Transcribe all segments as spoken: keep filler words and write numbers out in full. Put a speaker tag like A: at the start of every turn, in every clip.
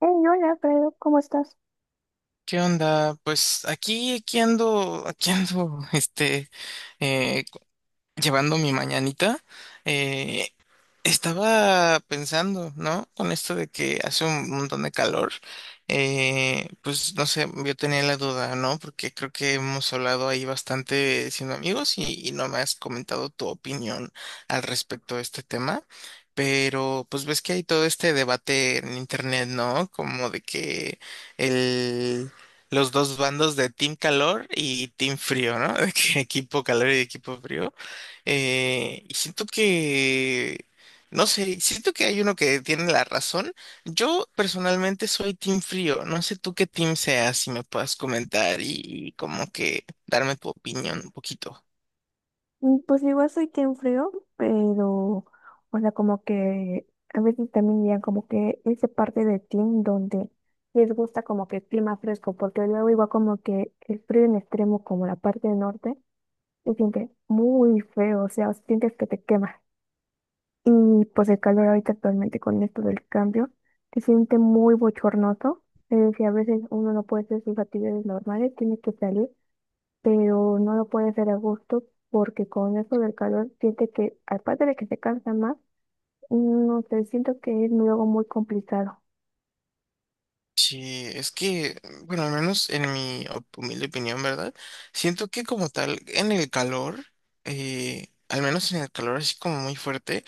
A: Hey, hola, Pedro, ¿cómo estás?
B: ¿Qué onda? Pues aquí, aquí ando, aquí ando, este, eh, cu- llevando mi mañanita. eh, Estaba pensando, ¿no? Con esto de que hace un montón de calor, eh, pues no sé, yo tenía la duda, ¿no? Porque creo que hemos hablado ahí bastante siendo amigos y, y no me has comentado tu opinión al respecto de este tema, pero pues ves que hay todo este debate en internet, ¿no? Como de que el... los dos bandos de Team Calor y Team Frío, ¿no? De que equipo calor y equipo frío. Eh, y siento que no sé, siento que hay uno que tiene la razón. Yo personalmente soy team frío. No sé tú qué team seas, si me puedas comentar y, y como que darme tu opinión un poquito.
A: Mm, pues igual soy quien frío, pero, o sea, como que a veces también ya como que esa parte de team donde les gusta como que el clima fresco, porque luego igual como que el frío en extremo, como la parte del norte, se siente muy feo, o sea, sientes que te quema. Y pues el calor ahorita actualmente con esto del cambio, se siente muy bochornoso, es decir, a veces uno no puede hacer sus actividades normales, tiene que salir, pero no lo puede hacer a gusto porque con eso del calor siente que, aparte de que se cansa más, no sé, siento que es luego muy complicado.
B: Sí, es que, bueno, al menos en mi op- humilde opinión, ¿verdad? Siento que como tal, en el calor, eh, al menos en el calor así como muy fuerte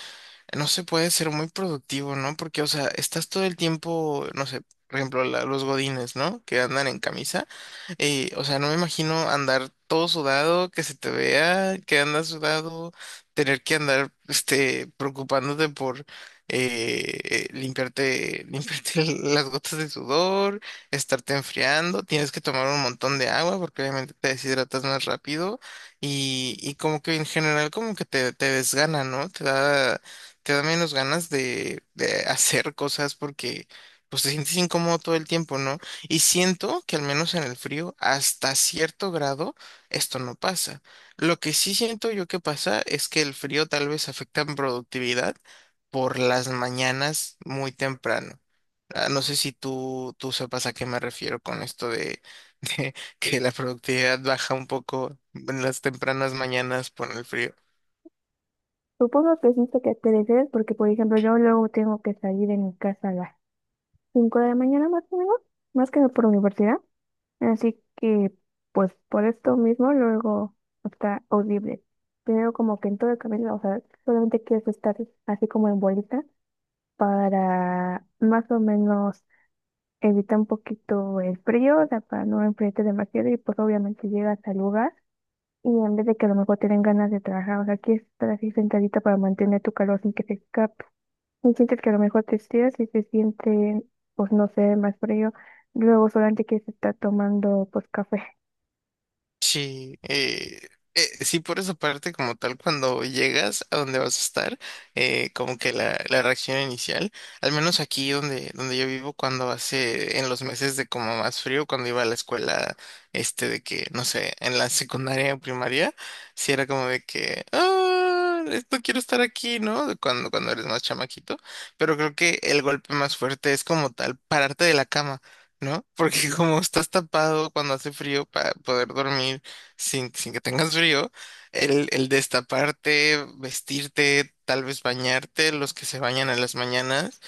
B: no se puede ser muy productivo, ¿no? Porque, o sea, estás todo el tiempo, no sé, por ejemplo, la- los godines, ¿no? Que andan en camisa. Eh, o sea, no me imagino andar todo sudado, que se te vea, que andas sudado, tener que andar, este, preocupándote por eh, eh, limpiarte, limpiarte las gotas de sudor, estarte enfriando, tienes que tomar un montón de agua porque obviamente te deshidratas más rápido y, y como que en general como que te, te desgana, ¿no? Te da te da menos ganas de, de hacer cosas porque pues te sientes incómodo todo el tiempo, ¿no? Y siento que al menos en el frío, hasta cierto grado, esto no pasa. Lo que sí siento yo que pasa es que el frío tal vez afecta en productividad por las mañanas muy temprano. Ah, no sé si tú, tú sepas a qué me refiero con esto de, de que la productividad baja un poco en las tempranas mañanas por el frío.
A: Supongo que siento que te refieres porque, por ejemplo, yo luego tengo que salir de mi casa a las cinco de la mañana más o menos, más que nada por universidad, así que, pues, por esto mismo luego está horrible. Primero como que en todo el camino, o sea, solamente quieres estar así como en bolita para más o menos evita un poquito el frío, o sea, para no enfriarte demasiado y pues obviamente llegas al lugar y en vez de que a lo mejor te den ganas de trabajar, o sea, aquí estar así sentadita para mantener tu calor sin que se escape. Y sientes que a lo mejor te estiras y se siente, pues no sé, más frío. Luego solamente quieres estar tomando pues café.
B: Sí, eh, eh, sí, por esa parte, como tal, cuando llegas a donde vas a estar, eh, como que la, la reacción inicial, al menos aquí donde, donde yo vivo, cuando hace, en los meses de como más frío, cuando iba a la escuela, este, de que, no sé, en la secundaria o primaria, sí era como de que, ah, es- no quiero estar aquí, ¿no? De cuando, cuando eres más chamaquito, pero creo que el golpe más fuerte es como tal, pararte de la cama, ¿no? Porque como estás tapado cuando hace frío para poder dormir sin, sin que tengas frío, el, el destaparte, vestirte, tal vez bañarte, los que se bañan en las mañanas,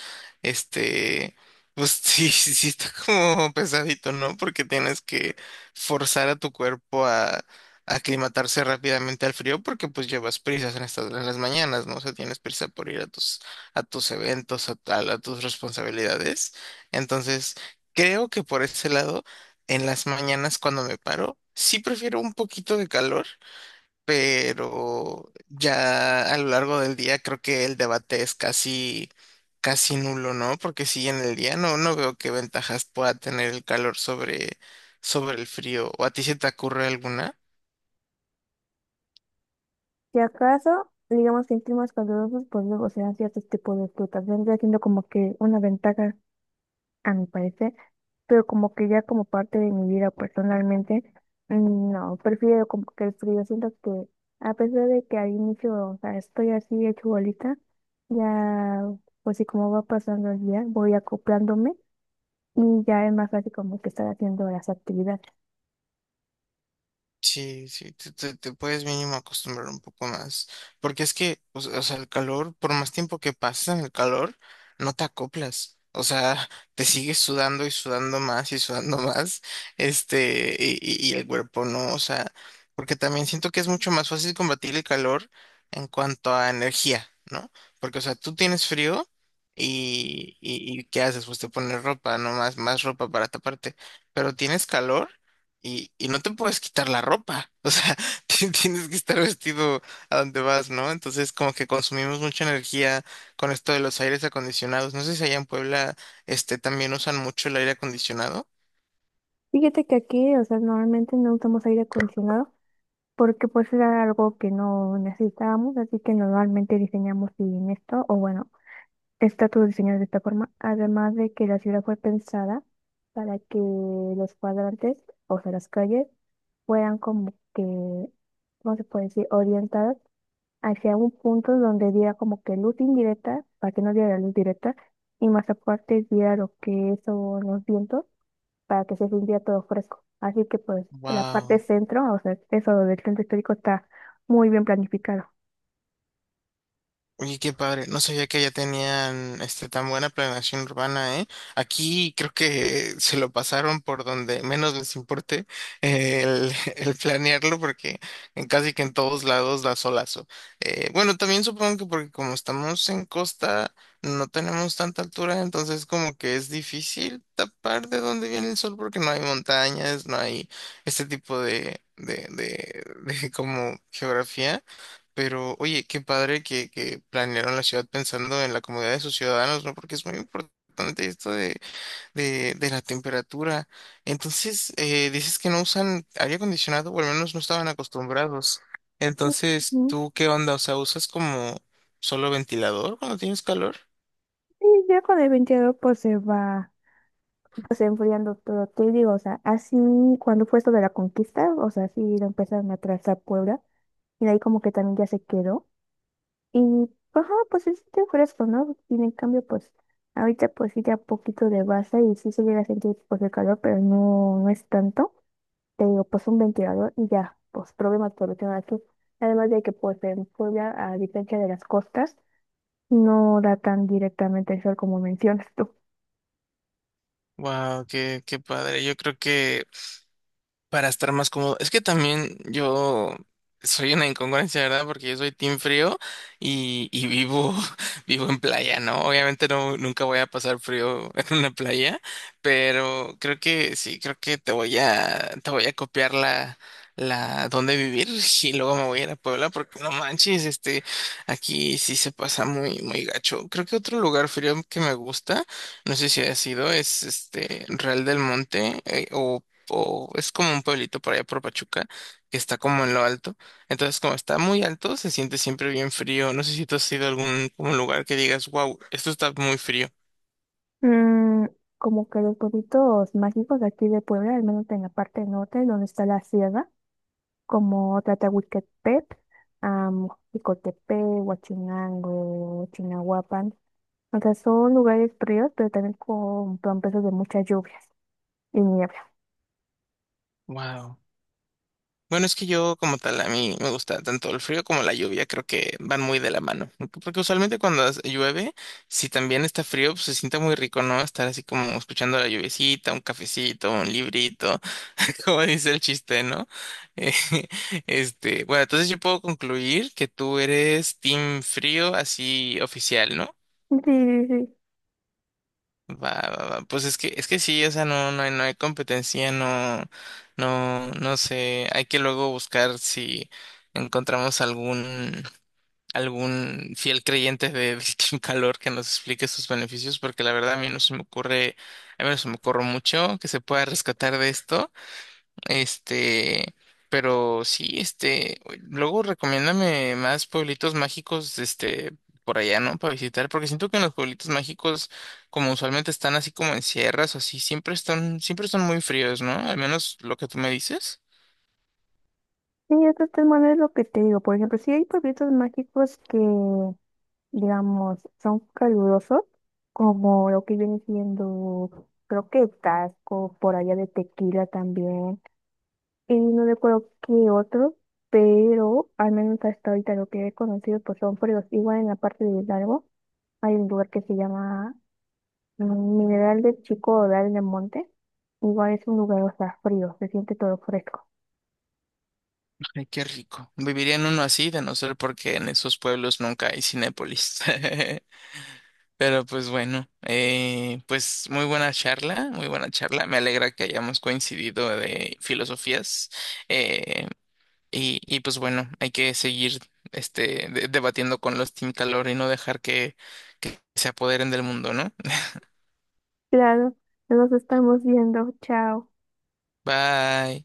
B: este, pues sí, sí, sí está como pesadito, ¿no? Porque tienes que forzar a tu cuerpo a aclimatarse rápidamente al frío porque pues llevas prisas en estas en las mañanas, ¿no? O sea, tienes prisa por ir a tus a tus eventos, a a- a tus responsabilidades. Entonces, creo que por ese lado, en las mañanas cuando me paro, sí prefiero un poquito de calor, pero ya a lo largo del día creo que el debate es casi, casi nulo, ¿no? Porque si en el día no, no veo qué ventajas pueda tener el calor sobre, sobre el frío. ¿O a ti se te ocurre alguna?
A: Si acaso, digamos que en climas calurosos, pues luego se dan ciertos tipos de frutas. Vendría siendo como que una ventaja, a mi parecer, pero como que ya como parte de mi vida personalmente, mm, no, prefiero como que el frío. Siento que a pesar de que al inicio, o sea, estoy así hecho bolita, ya, pues sí, como va pasando el día, voy acoplándome y ya es más fácil como que estar haciendo las actividades.
B: Sí, sí, te, te- te puedes mínimo acostumbrar un poco más, porque es que, o, se- o sea, el calor, por más tiempo que pasas en el calor, no te acoplas, o sea, te sigues sudando y sudando más y sudando más, este, y, y- y el cuerpo no, o sea, porque también siento que es mucho más fácil combatir el calor en cuanto a energía, ¿no? Porque, o sea, tú tienes frío y, y, y ¿qué haces? Pues te pones ropa, no más, más ropa para taparte, pero tienes calor y, y no te puedes quitar la ropa, o sea, ti- tienes que estar vestido a donde vas, ¿no? Entonces como que consumimos mucha energía con esto de los aires acondicionados. No sé si allá en Puebla, este, también usan mucho el aire acondicionado.
A: Fíjate que aquí, o sea, normalmente no usamos aire acondicionado porque pues era algo que no necesitábamos, así que normalmente diseñamos sin esto, o bueno, estatus diseñados de esta forma, además de que la ciudad fue pensada para que los cuadrantes, o sea, las calles, fueran como que, ¿cómo se puede decir?, orientadas hacia un punto donde diera como que luz indirecta, para que no diera luz directa, y más aparte diera lo que son los vientos, para que se sintiera todo fresco. Así que pues la parte
B: Wow.
A: centro, o sea, eso del centro histórico está muy bien planificado.
B: Oye, qué padre. No sabía que allá tenían este tan buena planeación urbana, ¿eh? Aquí creo que se lo pasaron por donde menos les importe eh, el, el planearlo, porque en casi que en todos lados da solazo. Eh, bueno, también supongo que porque como estamos en costa, no tenemos tanta altura, entonces como que es difícil tapar de dónde viene el sol, porque no hay montañas, no hay este tipo de, de, de, de como geografía. Pero, oye, qué padre que, que planearon la ciudad pensando en la comodidad de sus ciudadanos, ¿no? Porque es muy importante esto de, de, de la temperatura. Entonces, eh, dices que no usan aire acondicionado, o al menos no estaban acostumbrados. Entonces,
A: Ujú.
B: ¿tú qué onda? O sea, ¿usas como solo ventilador cuando tienes calor?
A: Y ya con el veintidós, pues se va pues enfriando todo. Te digo, o sea, así cuando fue esto de la conquista, o sea, sí lo empezaron a trazar Puebla y de ahí como que también ya se quedó. Y, ajá, pues se siente fresco, ¿no? Y en cambio, pues ahorita pues sí ya poquito de base y sí se llega a sentir pues el calor, pero no, no es tanto. Te digo, pues un ventilador y ya, pues problemas por lo que aquí. Además de que pues en Puebla, a diferencia de las costas, no da tan directamente el sol como mencionas tú.
B: Wow, qué, qué padre. Yo creo que para estar más cómodo. Es que también yo soy una incongruencia, ¿verdad? Porque yo soy team frío y, y vivo, vivo en playa, ¿no? Obviamente no, nunca voy a pasar frío en una playa, pero creo que sí, creo que te voy a, te voy a copiar la, la, dónde vivir y luego me voy a ir a Puebla porque no manches, este, aquí sí se pasa muy, muy gacho. Creo que otro lugar frío que me gusta. No sé si ha sido, es este Real del Monte, eh, o o es como un pueblito por allá por Pachuca, que está como en lo alto. Entonces, como está muy alto, se siente siempre bien frío. No sé si tú has ido a algún un lugar que digas, wow, esto está muy frío.
A: Mm, como que los pueblitos mágicos de aquí de Puebla, al menos en la parte norte, donde está la sierra, como Tlatlahuiquepec, um, Jicotepec, Huachinango, Chignahuapan. O sea, son lugares fríos, pero también con promesas de muchas lluvias y niebla.
B: Wow. Bueno, es que yo como tal, a mí me gusta tanto el frío como la lluvia, creo que van muy de la mano. Porque usualmente cuando hace- llueve, si también está frío, pues se siente muy rico, ¿no? Estar así como escuchando la lluviecita, un cafecito, un librito, como dice el chiste, ¿no? Eh, este, bueno, entonces yo puedo concluir que tú eres team frío así oficial, ¿no?
A: Sí, sí, sí.
B: Va, va, va. Pues es que, es que sí, o sea, no, no hay, no hay competencia, no, no, no sé, hay que luego buscar si encontramos algún, algún fiel creyente de, del Team Calor que nos explique sus beneficios, porque la verdad a mí no se me ocurre, a mí no se me ocurre mucho que se pueda rescatar de esto. Este, pero sí, este, luego recomiéndame más pueblitos mágicos, este, por allá, ¿no? Para visitar, porque siento que en los pueblitos mágicos, como usualmente están así como en sierras o así, siempre están, siempre están muy fríos, ¿no? Al menos lo que tú me dices.
A: Sí, estos tres maneras es lo que te digo. Por ejemplo, sí hay pueblitos mágicos que, digamos, son calurosos, como lo que viene siendo, creo que Tasco, por allá de Tequila también, y no recuerdo qué otro, pero al menos hasta ahorita lo que he conocido pues son fríos. Igual en la parte de Hidalgo hay un lugar que se llama, mm, Mineral del Chico Odal del Monte, igual es un lugar, o sea, frío, se siente todo fresco.
B: Ay, qué rico. Viviría en uno así, de no ser porque en esos pueblos nunca hay Cinépolis. Pero pues bueno, eh, pues muy buena charla, muy buena charla. Me alegra que hayamos coincidido de filosofías. Eh, Y, y pues bueno, hay que seguir este, de- debatiendo con los Team Calor y no dejar que se apoderen del mundo, ¿no?
A: Claro, nos estamos viendo, chao.
B: Bye.